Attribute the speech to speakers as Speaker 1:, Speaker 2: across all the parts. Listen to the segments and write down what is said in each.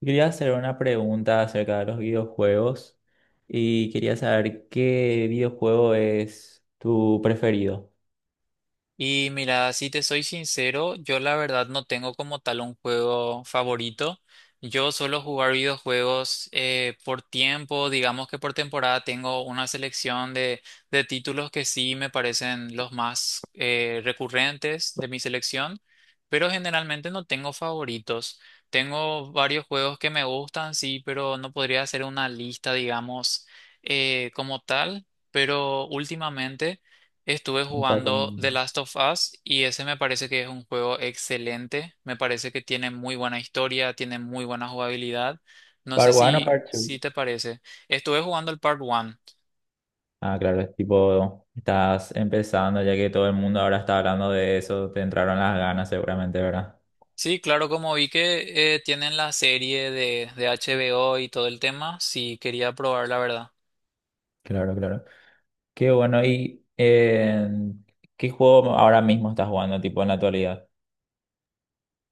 Speaker 1: Quería hacer una pregunta acerca de los videojuegos y quería saber qué videojuego es tu preferido.
Speaker 2: Y mira, si te soy sincero, yo la verdad no tengo como tal un juego favorito. Yo suelo jugar videojuegos por tiempo, digamos que por temporada tengo una selección de títulos que sí me parecen los más recurrentes de mi selección, pero generalmente no tengo favoritos. Tengo varios juegos que me gustan, sí, pero no podría hacer una lista, digamos, como tal, pero últimamente, estuve
Speaker 1: Un par
Speaker 2: jugando The
Speaker 1: un-
Speaker 2: Last of Us y ese me parece que es un juego excelente. Me parece que tiene muy buena historia, tiene muy buena jugabilidad. No sé
Speaker 1: Part one o
Speaker 2: si,
Speaker 1: part
Speaker 2: si
Speaker 1: two?
Speaker 2: te parece. Estuve jugando el Part 1.
Speaker 1: Ah, claro, es tipo, estás empezando, ya que todo el mundo ahora está hablando de eso, te entraron las ganas seguramente, ¿verdad?
Speaker 2: Sí, claro, como vi que tienen la serie de HBO y todo el tema, sí quería probar la verdad.
Speaker 1: Claro, claro. Qué bueno. Qué juego ahora mismo estás jugando, tipo, en la actualidad?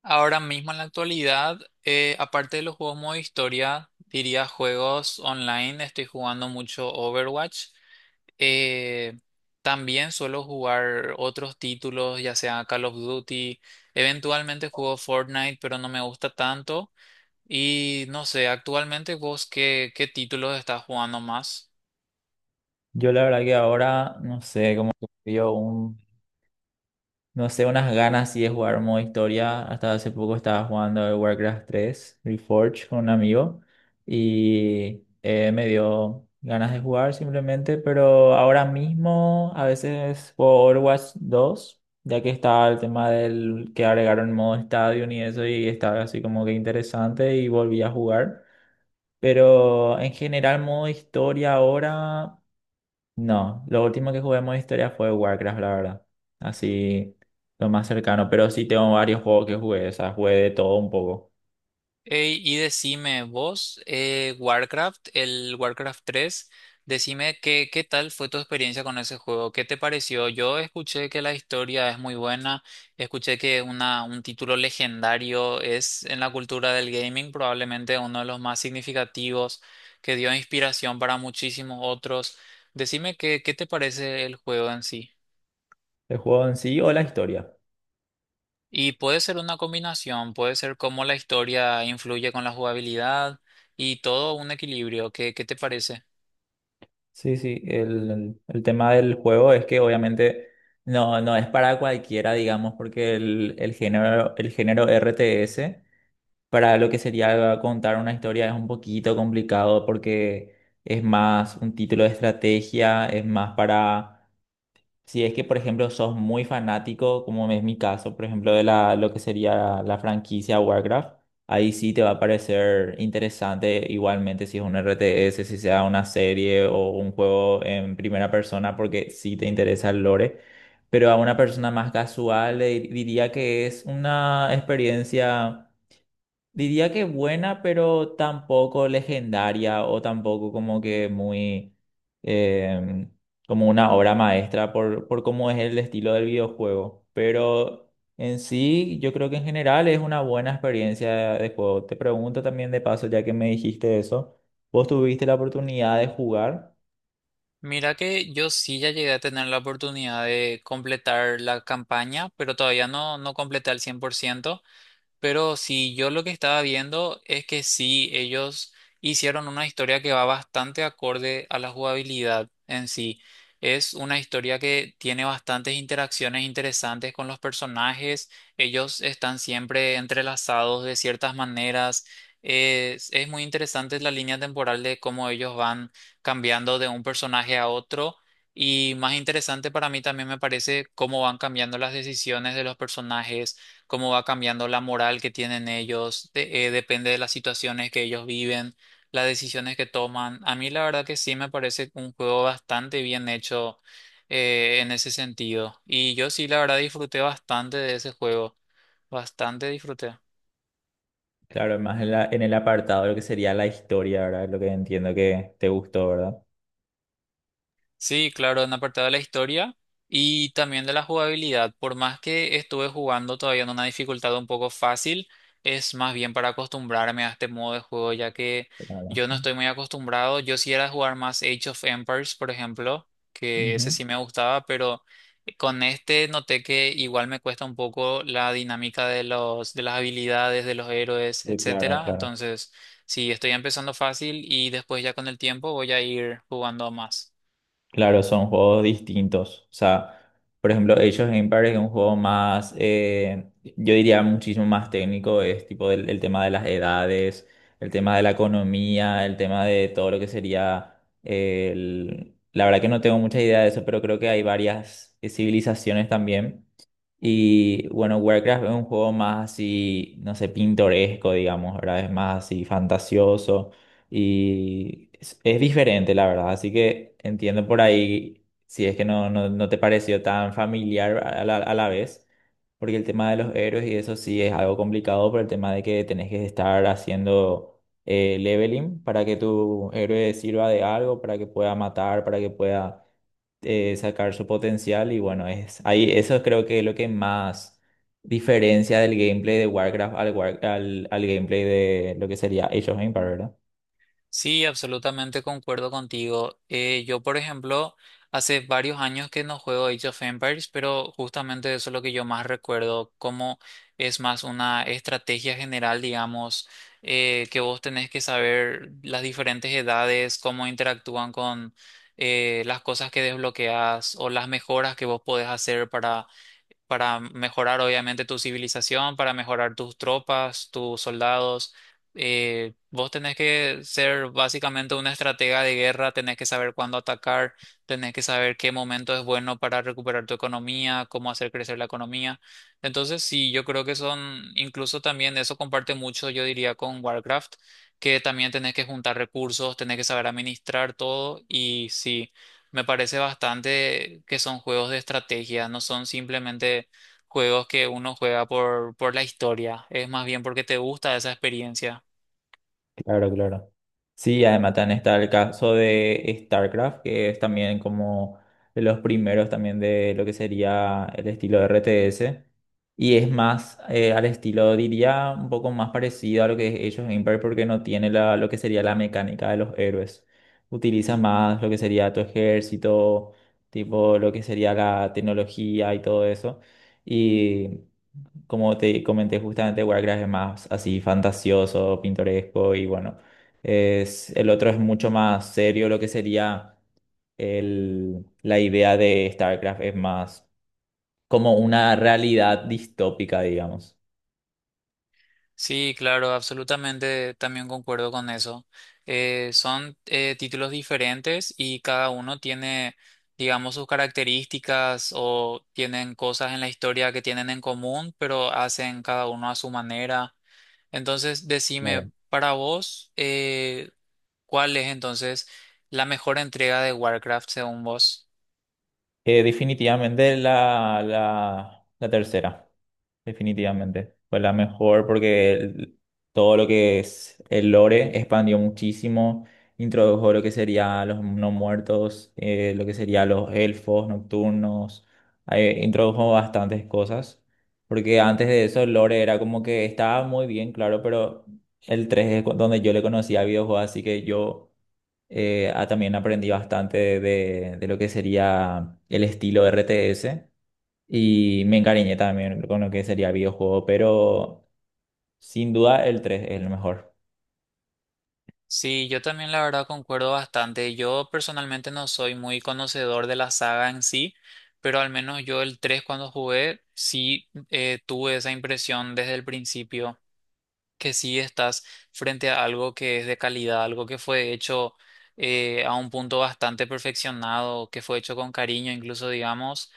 Speaker 2: Ahora mismo en la actualidad, aparte de los juegos modo historia, diría juegos online, estoy jugando mucho Overwatch. Eh, También suelo jugar otros títulos, ya sea Call of Duty. Eventualmente juego Fortnite, pero no me gusta tanto. Y no sé, actualmente vos qué títulos estás jugando más?
Speaker 1: Yo la verdad que ahora, no sé, como que veo un no sé, unas ganas sí de jugar modo historia. Hasta hace poco estaba jugando el Warcraft 3 Reforged con un amigo y me dio ganas de jugar simplemente, pero ahora mismo a veces juego Overwatch 2, ya que está el tema del que agregaron modo estadio y eso y estaba así como que interesante y volví a jugar. Pero en general modo historia ahora no, lo último que jugué en modo historia fue Warcraft, la verdad. Así, lo más cercano. Pero sí tengo varios juegos que jugué, o sea, jugué de todo un poco.
Speaker 2: Ey, y decime vos, Warcraft, el Warcraft tres, decime qué tal fue tu experiencia con ese juego, qué te pareció. Yo escuché que la historia es muy buena, escuché que es una, un título legendario es en la cultura del gaming probablemente uno de los más significativos, que dio inspiración para muchísimos otros. Decime qué te parece el juego en sí.
Speaker 1: El juego en sí o la historia.
Speaker 2: Y puede ser una combinación, puede ser cómo la historia influye con la jugabilidad y todo un equilibrio. ¿Qué, qué te parece?
Speaker 1: Sí, sí, el tema del juego es que obviamente no, no es para cualquiera, digamos, porque el género, el género RTS, para lo que sería contar una historia, es un poquito complicado porque es más un título de estrategia, es más para si es que, por ejemplo, sos muy fanático, como es mi caso, por ejemplo, de la, lo que sería la franquicia Warcraft, ahí sí te va a parecer interesante igualmente si es un RTS, si sea una serie o un juego en primera persona, porque sí te interesa el lore. Pero a una persona más casual le diría que es una experiencia, diría que buena, pero tampoco legendaria o tampoco como que muy eh, como una obra maestra por cómo es el estilo del videojuego. Pero en sí, yo creo que en general es una buena experiencia de juego. Te pregunto también de paso, ya que me dijiste eso, ¿vos tuviste la oportunidad de jugar?
Speaker 2: Mira que yo sí ya llegué a tener la oportunidad de completar la campaña, pero todavía no, no completé al 100%. Pero si yo lo que estaba viendo es que sí, ellos hicieron una historia que va bastante acorde a la jugabilidad en sí. Es una historia que tiene bastantes interacciones interesantes con los personajes. Ellos están siempre entrelazados de ciertas maneras. Es muy interesante la línea temporal de cómo ellos van cambiando de un personaje a otro. Y más interesante para mí también me parece cómo van cambiando las decisiones de los personajes, cómo va cambiando la moral que tienen ellos, depende de las situaciones que ellos viven, las decisiones que toman. A mí la verdad que sí me parece un juego bastante bien hecho en ese sentido. Y yo sí la verdad disfruté bastante de ese juego, bastante disfruté.
Speaker 1: Claro, más en en el apartado de lo que sería la historia, ¿verdad? Lo que entiendo que te gustó, ¿verdad?
Speaker 2: Sí, claro, en apartado de la historia y también de la jugabilidad. Por más que estuve jugando todavía en una dificultad un poco fácil, es más bien para acostumbrarme a este modo de juego, ya que
Speaker 1: Claro.
Speaker 2: yo no estoy muy acostumbrado. Yo sí era de jugar más Age of Empires, por ejemplo, que ese
Speaker 1: Ujú.
Speaker 2: sí me gustaba, pero con este noté que igual me cuesta un poco la dinámica de de las habilidades, de los héroes,
Speaker 1: Sí, claro,
Speaker 2: etcétera.
Speaker 1: claro.
Speaker 2: Entonces, sí, estoy empezando fácil y después ya con el tiempo voy a ir jugando más.
Speaker 1: Claro, son juegos distintos. O sea, por ejemplo, Age of Empires es un juego más, yo diría muchísimo más técnico, es tipo el tema de las edades, el tema de la economía, el tema de todo lo que sería el... La verdad que no tengo mucha idea de eso, pero creo que hay varias civilizaciones también. Y bueno, Warcraft es un juego más así, no sé, pintoresco, digamos, ¿verdad? Es más así fantasioso y es diferente, la verdad. Así que entiendo por ahí si es que no te pareció tan familiar a a la vez, porque el tema de los héroes y eso sí es algo complicado por el tema de que tenés que estar haciendo leveling para que tu héroe sirva de algo, para que pueda matar, para que pueda sacar su potencial y bueno, es ahí eso creo que es lo que más diferencia del gameplay de Warcraft al gameplay de lo que sería Age of Empires, ¿verdad?
Speaker 2: Sí, absolutamente concuerdo contigo. Yo, por ejemplo, hace varios años que no juego Age of Empires, pero justamente eso es lo que yo más recuerdo, como es más una estrategia general, digamos, que vos tenés que saber las diferentes edades, cómo interactúan con las cosas que desbloqueas o las mejoras que vos podés hacer para mejorar obviamente tu civilización, para mejorar tus tropas, tus soldados. Vos tenés que ser básicamente una estratega de guerra, tenés que saber cuándo atacar, tenés que saber qué momento es bueno para recuperar tu economía, cómo hacer crecer la economía. Entonces, sí, yo creo que son, incluso también eso comparte mucho, yo diría, con Warcraft, que también tenés que juntar recursos, tenés que saber administrar todo y sí. Me parece bastante que son juegos de estrategia, no son simplemente juegos que uno juega por la historia, es más bien porque te gusta esa experiencia.
Speaker 1: Claro, claro. Sí, además también está el caso de StarCraft, que es también como de los primeros también de lo que sería el estilo de RTS. Y es más al estilo, diría, un poco más parecido a lo que es Age of Empires porque no tiene lo que sería la mecánica de los héroes. Utiliza más lo que sería tu ejército, tipo lo que sería la tecnología y todo eso. Y como te comenté, justamente Warcraft es más así fantasioso, pintoresco y bueno, el otro es mucho más serio, lo que sería la idea de StarCraft es más como una realidad distópica, digamos.
Speaker 2: Sí, claro, absolutamente también concuerdo con eso. Son títulos diferentes y cada uno tiene, digamos, sus características o tienen cosas en la historia que tienen en común, pero hacen cada uno a su manera. Entonces, decime,
Speaker 1: Claro.
Speaker 2: para vos, ¿cuál es entonces la mejor entrega de Warcraft según vos?
Speaker 1: Definitivamente la tercera. Definitivamente. Fue la mejor porque todo lo que es el lore expandió muchísimo, introdujo lo que sería los no muertos, lo que sería los elfos nocturnos, introdujo bastantes cosas, porque antes de eso el lore era como que estaba muy bien, claro, pero el 3 es donde yo le conocía al videojuego, así que yo también aprendí bastante de lo que sería el estilo RTS. Y me encariñé también con lo que sería videojuego, pero sin duda el 3 es el mejor.
Speaker 2: Sí, yo también la verdad concuerdo bastante. Yo personalmente no soy muy conocedor de la saga en sí, pero al menos yo el 3 cuando jugué sí tuve esa impresión desde el principio, que sí estás frente a algo que es de calidad, algo que fue hecho a un punto bastante perfeccionado, que fue hecho con cariño incluso, digamos.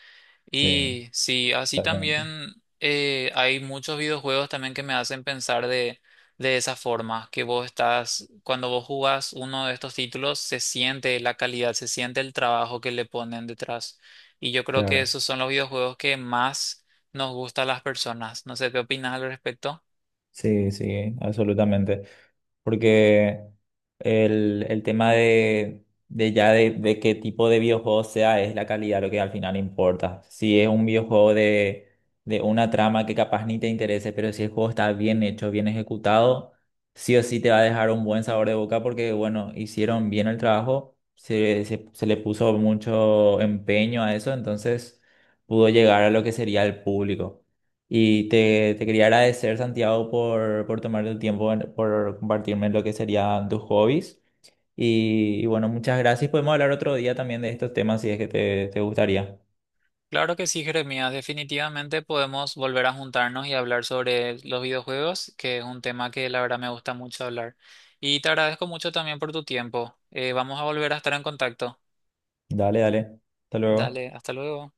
Speaker 1: Sí,
Speaker 2: Y sí, así
Speaker 1: exactamente.
Speaker 2: también hay muchos videojuegos también que me hacen pensar de esa forma, que vos estás, cuando vos jugás uno de estos títulos, se siente la calidad, se siente el trabajo que le ponen detrás. Y yo creo que
Speaker 1: Claro.
Speaker 2: esos son los videojuegos que más nos gustan a las personas. No sé qué opinas al respecto.
Speaker 1: Sí, sí, absolutamente. Porque el tema de qué tipo de videojuego sea es la calidad lo que al final importa. Si es un videojuego de una trama que capaz ni te interese, pero si el juego está bien hecho, bien ejecutado, sí o sí te va a dejar un buen sabor de boca porque, bueno, hicieron bien el trabajo, se le puso mucho empeño a eso, entonces pudo llegar a lo que sería el público. Y te quería agradecer, Santiago, por tomarte el tiempo, por compartirme lo que serían tus hobbies. Y bueno, muchas gracias. Podemos hablar otro día también de estos temas si es que te gustaría.
Speaker 2: Claro que sí, Jeremías. Definitivamente podemos volver a juntarnos y hablar sobre los videojuegos, que es un tema que la verdad me gusta mucho hablar. Y te agradezco mucho también por tu tiempo. Vamos a volver a estar en contacto.
Speaker 1: Dale, dale. Hasta luego.
Speaker 2: Dale, hasta luego.